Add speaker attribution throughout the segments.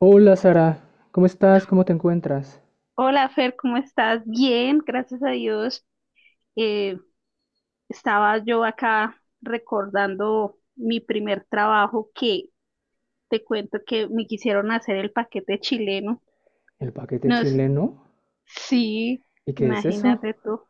Speaker 1: Hola Sara, ¿cómo estás? ¿Cómo te encuentras?
Speaker 2: Hola Fer, ¿cómo estás? Bien, gracias a Dios. Eh, Estaba yo acá recordando mi primer trabajo que te cuento que me quisieron hacer el paquete chileno.
Speaker 1: ¿El paquete
Speaker 2: Nos,
Speaker 1: chileno?
Speaker 2: sí,
Speaker 1: ¿Y qué es eso?
Speaker 2: imagínate tú.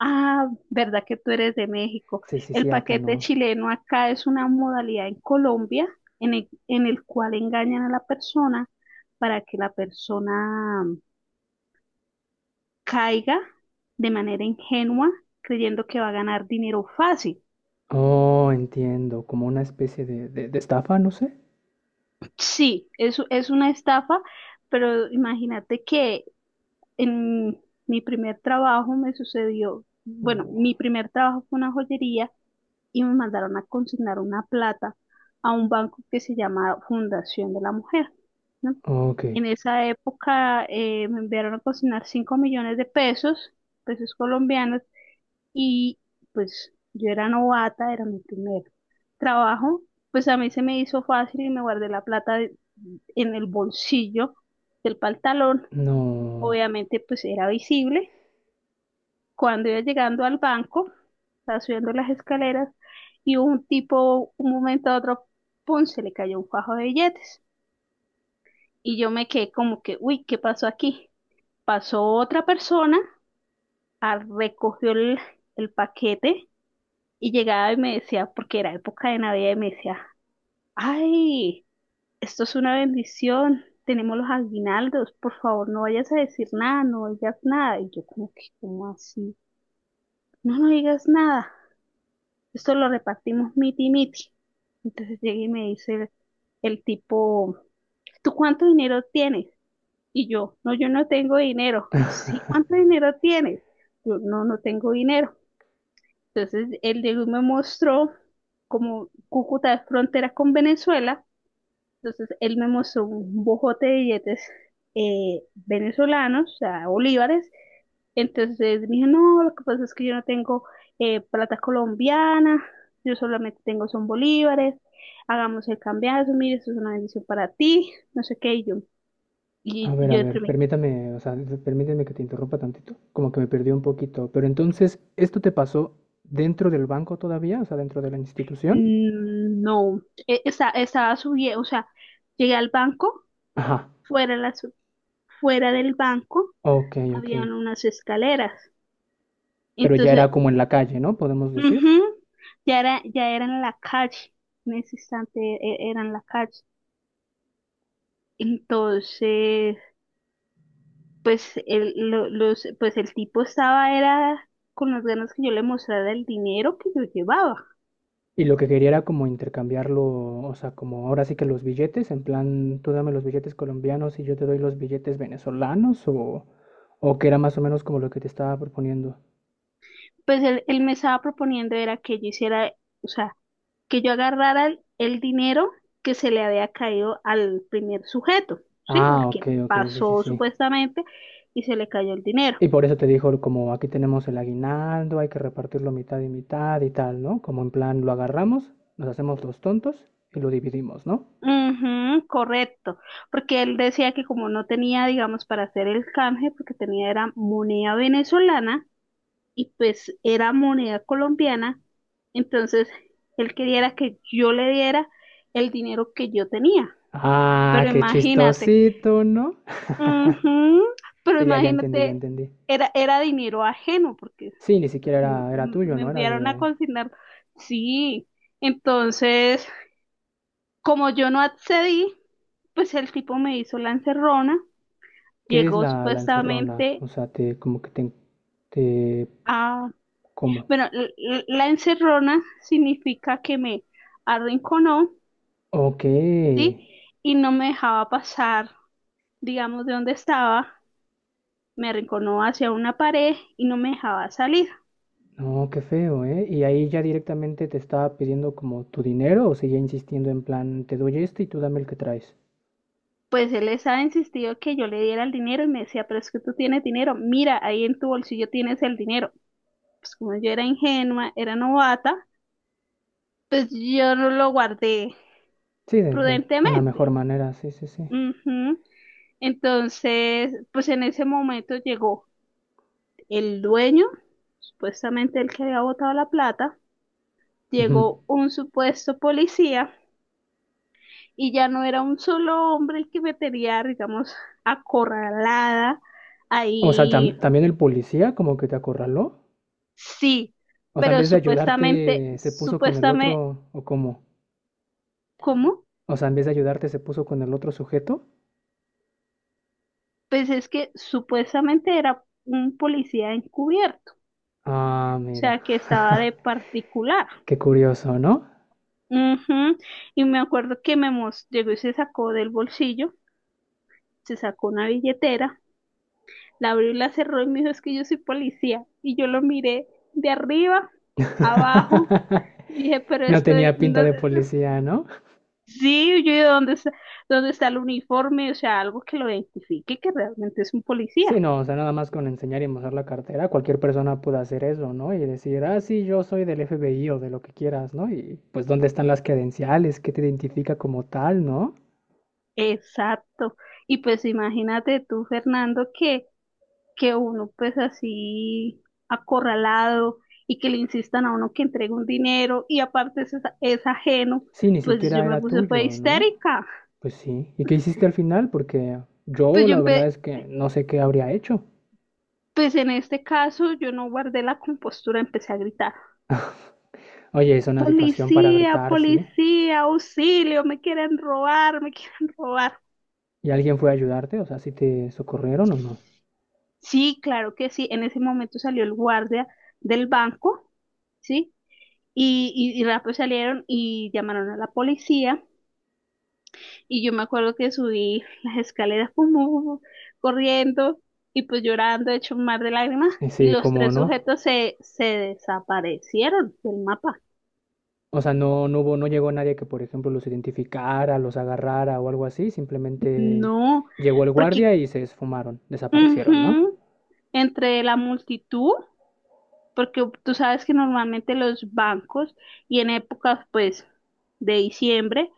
Speaker 2: Ah, ¿verdad que tú eres de México?
Speaker 1: Sí, sí,
Speaker 2: El
Speaker 1: sí, acá
Speaker 2: paquete
Speaker 1: no.
Speaker 2: chileno acá es una modalidad en Colombia en el cual engañan a la persona para que la persona caiga de manera ingenua creyendo que va a ganar dinero fácil.
Speaker 1: Oh, entiendo, como una especie de, de estafa, no sé.
Speaker 2: Sí, eso es una estafa, pero imagínate que en mi primer trabajo me sucedió. Bueno,
Speaker 1: Uh,
Speaker 2: mi primer trabajo fue una joyería y me mandaron a consignar una plata a un banco que se llama Fundación de la Mujer, ¿no?
Speaker 1: ok,
Speaker 2: En esa época me enviaron a consignar 5 millones de pesos, pesos colombianos, y pues yo era novata, era mi primer trabajo. Pues a mí se me hizo fácil y me guardé la plata en el bolsillo del pantalón.
Speaker 1: no.
Speaker 2: Obviamente, pues era visible. Cuando iba llegando al banco, estaba subiendo las escaleras y un tipo, un momento a otro, ¡pum!, se le cayó un fajo de billetes. Y yo me quedé como que, uy, ¿qué pasó aquí? Pasó otra persona, ah, recogió el paquete y llegaba y me decía, porque era época de Navidad, y me decía, ay. Esto es una bendición. Tenemos los aguinaldos. Por favor, no vayas a decir nada, no digas nada. Y yo como que, ¿cómo así? No, no digas nada. Esto lo repartimos miti miti. Entonces llega y me dice el tipo, ¿tú cuánto dinero tienes? Y yo, no, yo no tengo dinero. Sí, ¿cuánto dinero tienes? Yo, no tengo dinero. Entonces él llegó y me mostró, como Cúcuta es frontera con Venezuela, entonces él me mostró un bojote de billetes venezolanos, o sea, bolívares. Entonces me dijo, no, lo que pasa es que yo no tengo plata colombiana, yo solamente tengo son bolívares, hagamos el cambiazo, mire, eso es una bendición para ti, no sé qué, y
Speaker 1: A
Speaker 2: yo
Speaker 1: ver,
Speaker 2: entre mí,
Speaker 1: permítame, o sea, permíteme que te interrumpa tantito. Como que me perdí un poquito. Pero entonces, ¿esto te pasó dentro del banco todavía? O sea, dentro de la institución.
Speaker 2: Mm, no, estaba subiendo, o sea, llegué al banco,
Speaker 1: Ajá,
Speaker 2: fuera, de las, fuera del banco
Speaker 1: ok, ok.
Speaker 2: habían unas escaleras.
Speaker 1: Pero ya
Speaker 2: Entonces...
Speaker 1: era como en la calle, ¿no? Podemos decir.
Speaker 2: Ujú, ya era en la calle, en ese instante era en la calle. Entonces, pues el tipo estaba, era con las ganas que yo le mostrara el dinero que yo llevaba.
Speaker 1: Y lo que quería era como intercambiarlo, o sea, como ahora sí que los billetes, en plan, tú dame los billetes colombianos y yo te doy los billetes venezolanos, o que era más o menos como lo que te estaba proponiendo.
Speaker 2: Pues él me estaba proponiendo era que yo hiciera, o sea, que yo agarrara el dinero que se le había caído al primer sujeto, ¿sí? Al
Speaker 1: Ah, ok,
Speaker 2: que
Speaker 1: ok, sí, sí,
Speaker 2: pasó
Speaker 1: sí.
Speaker 2: supuestamente y se le cayó el dinero.
Speaker 1: Y por eso te dijo, como aquí tenemos el aguinaldo, hay que repartirlo mitad y mitad y tal, ¿no? Como en plan, lo agarramos, nos hacemos los tontos y lo dividimos, ¿no?
Speaker 2: Ujú, correcto, porque él decía que como no tenía, digamos, para hacer el canje, porque tenía era moneda venezolana y pues era moneda colombiana, entonces él quería era que yo le diera el dinero que yo tenía,
Speaker 1: Ah,
Speaker 2: pero
Speaker 1: qué
Speaker 2: imagínate,
Speaker 1: chistosito, ¿no?
Speaker 2: ujú, pero
Speaker 1: Sí, ya, ya entendí, ya
Speaker 2: imagínate,
Speaker 1: entendí.
Speaker 2: era dinero ajeno, porque
Speaker 1: Sí, ni
Speaker 2: pues,
Speaker 1: siquiera era, era tuyo,
Speaker 2: me
Speaker 1: ¿no? Era
Speaker 2: enviaron a
Speaker 1: de,
Speaker 2: consignar, sí, entonces... Como yo no accedí, pues el tipo me hizo la encerrona,
Speaker 1: ¿qué es
Speaker 2: llegó
Speaker 1: la encerrona?
Speaker 2: supuestamente
Speaker 1: O sea, te como que te
Speaker 2: a...
Speaker 1: ¿cómo?
Speaker 2: Bueno, la encerrona significa que me arrinconó,
Speaker 1: Ok.
Speaker 2: ¿sí? Y no me dejaba pasar, digamos, de donde estaba, me arrinconó hacia una pared y no me dejaba salir.
Speaker 1: No, qué feo, ¿eh? Y ahí ya directamente te estaba pidiendo como tu dinero o seguía insistiendo en plan, te doy este y tú dame el que traes.
Speaker 2: Pues él les ha insistido que yo le diera el dinero y me decía, pero es que tú tienes dinero, mira, ahí en tu bolsillo tienes el dinero. Pues como yo era ingenua, era novata, pues yo no lo guardé
Speaker 1: Sí, de una mejor
Speaker 2: prudentemente.
Speaker 1: manera, sí, sí, sí.
Speaker 2: Ujú. Entonces, pues en ese momento llegó el dueño, supuestamente el que había botado la plata,
Speaker 1: Ujú.
Speaker 2: llegó un supuesto policía y ya no era un solo hombre el que me tenía, digamos, acorralada
Speaker 1: O sea,
Speaker 2: ahí.
Speaker 1: tam- también el policía como que te acorraló.
Speaker 2: Sí,
Speaker 1: O sea, en
Speaker 2: pero
Speaker 1: vez de
Speaker 2: supuestamente,
Speaker 1: ayudarte, se puso con el
Speaker 2: supuestamente,
Speaker 1: otro, ¿o cómo?
Speaker 2: ¿cómo?
Speaker 1: O sea, en vez de ayudarte, se puso con el otro sujeto.
Speaker 2: Pues es que supuestamente era un policía encubierto, o
Speaker 1: Ah, mira.
Speaker 2: sea, que estaba de particular.
Speaker 1: Qué curioso, ¿no?
Speaker 2: Ujú. Y me acuerdo que me llegó y se sacó del bolsillo, se sacó una billetera, la abrió y la cerró y me dijo, es que yo soy policía. Y yo lo miré de arriba, abajo, y dije, pero
Speaker 1: No
Speaker 2: estoy,
Speaker 1: tenía pinta de policía, ¿no?
Speaker 2: sí, yo dije, dónde está el uniforme? O sea, algo que lo identifique que realmente es un
Speaker 1: Sí,
Speaker 2: policía.
Speaker 1: no, o sea, nada más con enseñar y mostrar la cartera, cualquier persona puede hacer eso, ¿no? Y decir, ah, sí, yo soy del FBI o de lo que quieras, ¿no? Y pues, ¿dónde están las credenciales? ¿Qué te identifica como tal, no?
Speaker 2: Exacto. Y pues imagínate tú, Fernando, que uno pues así acorralado y que le insistan a uno que entregue un dinero y aparte es ajeno,
Speaker 1: Sí, ni
Speaker 2: pues yo
Speaker 1: siquiera
Speaker 2: me
Speaker 1: era
Speaker 2: puse fue
Speaker 1: tuyo, ¿no?
Speaker 2: histérica.
Speaker 1: Pues sí. ¿Y qué hiciste al final? Porque
Speaker 2: Pues
Speaker 1: yo
Speaker 2: yo
Speaker 1: la verdad es que no sé qué habría hecho.
Speaker 2: en este caso yo no guardé la compostura, empecé a gritar,
Speaker 1: Oye, es una situación para
Speaker 2: policía,
Speaker 1: gritar, ¿sí?
Speaker 2: policía, auxilio, me quieren robar, me quieren robar.
Speaker 1: ¿Y alguien fue a ayudarte? O sea, ¿sí te socorrieron o no?
Speaker 2: Sí, claro que sí, en ese momento salió el guardia del banco, ¿sí? Y rápido salieron y llamaron a la policía. Y yo me acuerdo que subí las escaleras como corriendo y pues llorando, hecho un mar de lágrimas. Y
Speaker 1: Sí,
Speaker 2: los
Speaker 1: cómo
Speaker 2: tres
Speaker 1: no.
Speaker 2: sujetos se desaparecieron del mapa.
Speaker 1: O sea, no, no hubo, no llegó nadie que, por ejemplo, los identificara, los agarrara o algo así. Simplemente
Speaker 2: No,
Speaker 1: llegó el
Speaker 2: porque
Speaker 1: guardia y se esfumaron, desaparecieron, ¿no?
Speaker 2: ujú, entre la multitud, porque tú sabes que normalmente los bancos y en épocas pues de diciembre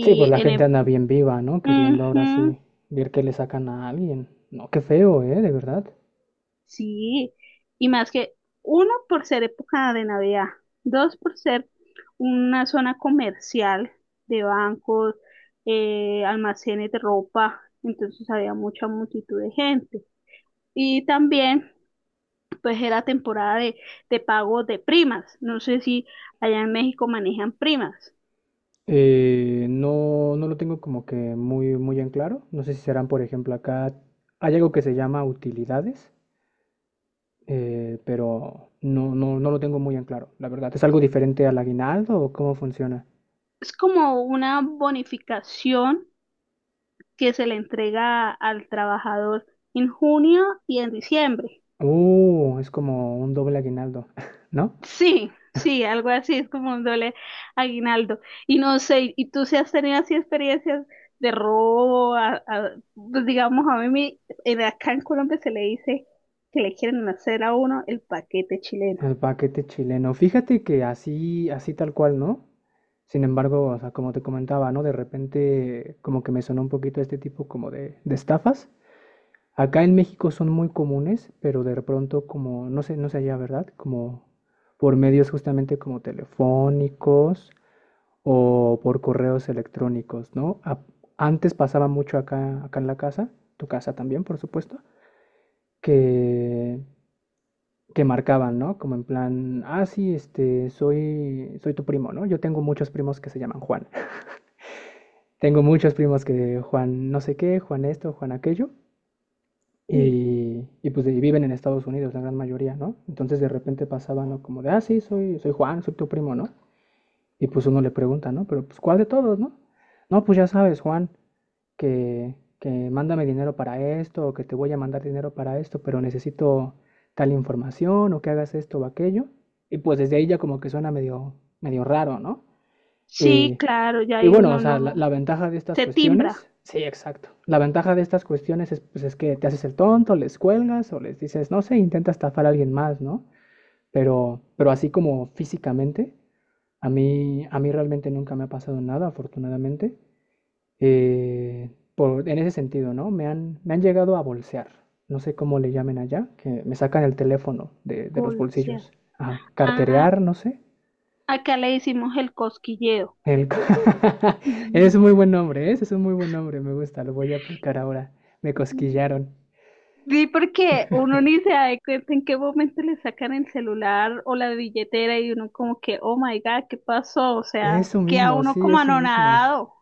Speaker 1: Sí, pues la gente anda bien viva, ¿no? Queriendo ahora
Speaker 2: ujú.
Speaker 1: sí ver que le sacan a alguien. No, qué feo, ¿eh? De verdad.
Speaker 2: Sí, y más que uno por ser época de Navidad, dos por ser una zona comercial de bancos, almacenes de ropa, entonces había mucha multitud de gente. Y también, pues era temporada de pago de primas. No sé si allá en México manejan primas.
Speaker 1: No, no lo tengo como que muy, muy en claro. No sé si serán, por ejemplo, acá hay algo que se llama utilidades, pero no, no, no lo tengo muy en claro, la verdad. ¿Es algo diferente al aguinaldo o cómo funciona?
Speaker 2: Es como una bonificación que se le entrega al trabajador en junio y en diciembre.
Speaker 1: Es como un doble aguinaldo, ¿no?
Speaker 2: Sí, sí, algo así, es como un doble aguinaldo. Y no sé, ¿y tú si has tenido así experiencias de robo? Pues digamos, a mí acá en Colombia se le dice que le quieren hacer a uno el paquete chileno.
Speaker 1: El paquete chileno. Fíjate que así, así tal cual, ¿no? Sin embargo, o sea, como te comentaba, ¿no? De repente como que me sonó un poquito este tipo como de estafas. Acá en México son muy comunes, pero de pronto como, no sé, no sé allá, ¿verdad? Como por medios justamente como telefónicos o por correos electrónicos, ¿no? A- antes pasaba mucho acá, acá en la casa, tu casa también, por supuesto, que que marcaban, ¿no? Como en plan, ah, sí, este, soy, soy tu primo, ¿no? Yo tengo muchos primos que se llaman Juan. Tengo muchos primos que Juan no sé qué, Juan esto, Juan aquello.
Speaker 2: Sí,
Speaker 1: Y pues y viven en Estados Unidos, la gran mayoría, ¿no? Entonces de repente pasaban, ¿no? Como de, ah, sí, soy, soy Juan, soy tu primo, ¿no? Y pues uno le pregunta, ¿no? Pero pues ¿cuál de todos, no? No, pues ya sabes, Juan, que, que mándame dinero para esto, o que te voy a mandar dinero para esto, pero necesito tal información, o que hagas esto o aquello. Y pues desde ahí ya como que suena medio, medio raro, ¿no?
Speaker 2: sí,
Speaker 1: Y,
Speaker 2: claro, ya
Speaker 1: y
Speaker 2: ahí
Speaker 1: bueno, o
Speaker 2: uno
Speaker 1: sea, la,
Speaker 2: no
Speaker 1: la ventaja de estas
Speaker 2: se timbra,
Speaker 1: cuestiones, sí, exacto. La ventaja de estas cuestiones es, pues, es que te haces el tonto, les cuelgas o les dices, no sé, intenta estafar a alguien más, ¿no? Pero así como físicamente, a mí realmente nunca me ha pasado nada, afortunadamente. Eh, por- en ese sentido, ¿no? Me han llegado a bolsear. No sé cómo le llamen allá, que me sacan el teléfono de los
Speaker 2: bolsa.
Speaker 1: bolsillos. Ajá,
Speaker 2: Ah,
Speaker 1: carterear, no sé.
Speaker 2: acá le hicimos el cosquilleo.
Speaker 1: El... es un muy buen nombre, ¿eh? Ese es un muy buen nombre, me gusta, lo voy a aplicar ahora. Me cosquillaron.
Speaker 2: Sí, porque uno ni se da de cuenta en qué momento le sacan el celular o la billetera y uno como que, oh my God, ¿qué pasó? O sea,
Speaker 1: Eso
Speaker 2: queda
Speaker 1: mismo,
Speaker 2: uno
Speaker 1: sí,
Speaker 2: como
Speaker 1: eso mismo.
Speaker 2: anonadado.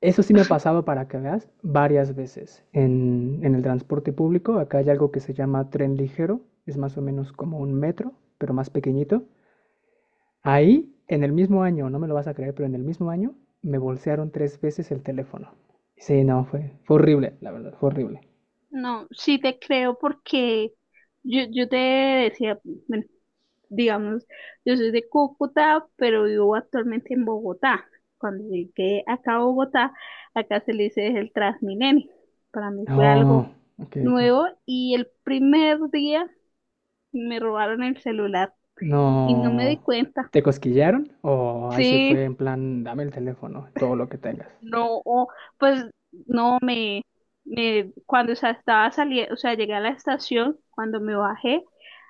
Speaker 1: Eso sí me ha pasado para que veas varias veces en el transporte público. Acá hay algo que se llama tren ligero, es más o menos como un metro, pero más pequeñito. Ahí, en el mismo año, no me lo vas a creer, pero en el mismo año me bolsearon 3 veces el teléfono. Sí, no, fue, fue horrible, la verdad, fue horrible.
Speaker 2: No, sí te creo porque yo te decía, bueno, digamos, yo soy de Cúcuta, pero vivo actualmente en Bogotá. Cuando llegué acá a Bogotá, acá se le dice el Transmilenio. Para mí fue
Speaker 1: No,
Speaker 2: algo
Speaker 1: ok, ok.
Speaker 2: nuevo y el primer día me robaron el celular. Y no me di
Speaker 1: No.
Speaker 2: cuenta.
Speaker 1: ¿Te cosquillaron? O ahí sí
Speaker 2: Sí,
Speaker 1: fue en plan, dame el teléfono, todo lo que tengas.
Speaker 2: no, pues no me, me cuando, o sea, estaba saliendo, o sea, llegué a la estación, cuando me bajé,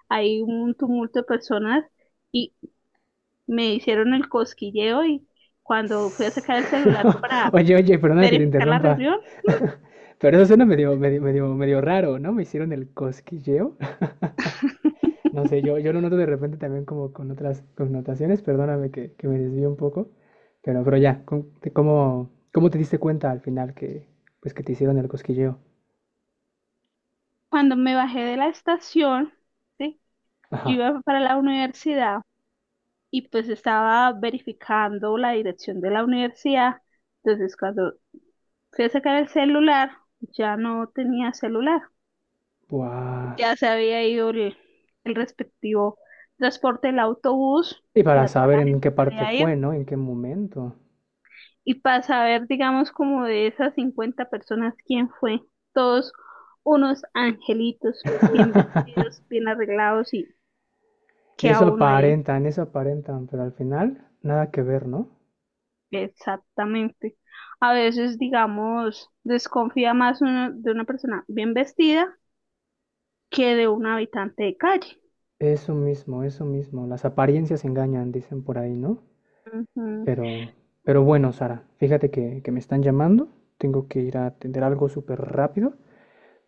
Speaker 2: hay un tumulto de personas y me hicieron el cosquilleo y cuando fui a sacar el celular para
Speaker 1: Oye, oye, perdona que te
Speaker 2: verificar la
Speaker 1: interrumpa.
Speaker 2: reunión,
Speaker 1: Pero eso suena medio, medio, medio, medio raro, ¿no? Me hicieron el cosquilleo. No sé, yo lo noto de repente también como con otras connotaciones. Perdóname que me desvío un poco. Pero ya, ¿cómo, te- cómo, cómo te diste cuenta al final que, pues, que te hicieron el cosquilleo?
Speaker 2: cuando me bajé de la estación, ¿sí? Yo
Speaker 1: Ajá.
Speaker 2: iba para la universidad y pues estaba verificando la dirección de la universidad. Entonces, cuando fui a sacar el celular, ya no tenía celular,
Speaker 1: Buah.
Speaker 2: ya se había ido el respectivo transporte, el autobús,
Speaker 1: Y para
Speaker 2: ya toda
Speaker 1: saber
Speaker 2: la
Speaker 1: en
Speaker 2: gente
Speaker 1: qué
Speaker 2: se
Speaker 1: parte
Speaker 2: había ido.
Speaker 1: fue, ¿no? En qué momento.
Speaker 2: Y para saber, digamos, como de esas 50 personas, quién fue, todos unos angelitos, bien vestidos, bien arreglados y que a uno ahí,
Speaker 1: Eso aparentan, pero al final nada que ver, ¿no?
Speaker 2: exactamente. A veces, digamos, desconfía más uno de una persona bien vestida que de un habitante de calle.
Speaker 1: Eso mismo, eso mismo. Las apariencias engañan, dicen por ahí, ¿no?
Speaker 2: Ujú.
Speaker 1: Pero, pero bueno, Sara, fíjate que me están llamando. Tengo que ir a atender algo súper rápido.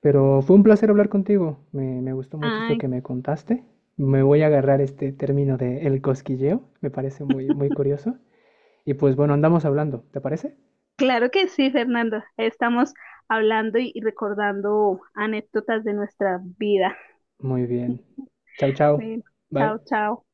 Speaker 1: Pero fue un placer hablar contigo. Me gustó mucho esto
Speaker 2: Ah,
Speaker 1: que me contaste. Me voy a agarrar este término de el cosquilleo. Me parece muy, muy curioso. Y pues bueno, andamos hablando. ¿Te parece?
Speaker 2: claro que sí, Fernando. Estamos hablando y recordando anécdotas de nuestra vida.
Speaker 1: Muy bien. Chao, chao.
Speaker 2: Bueno,
Speaker 1: Bye.
Speaker 2: chao, chao.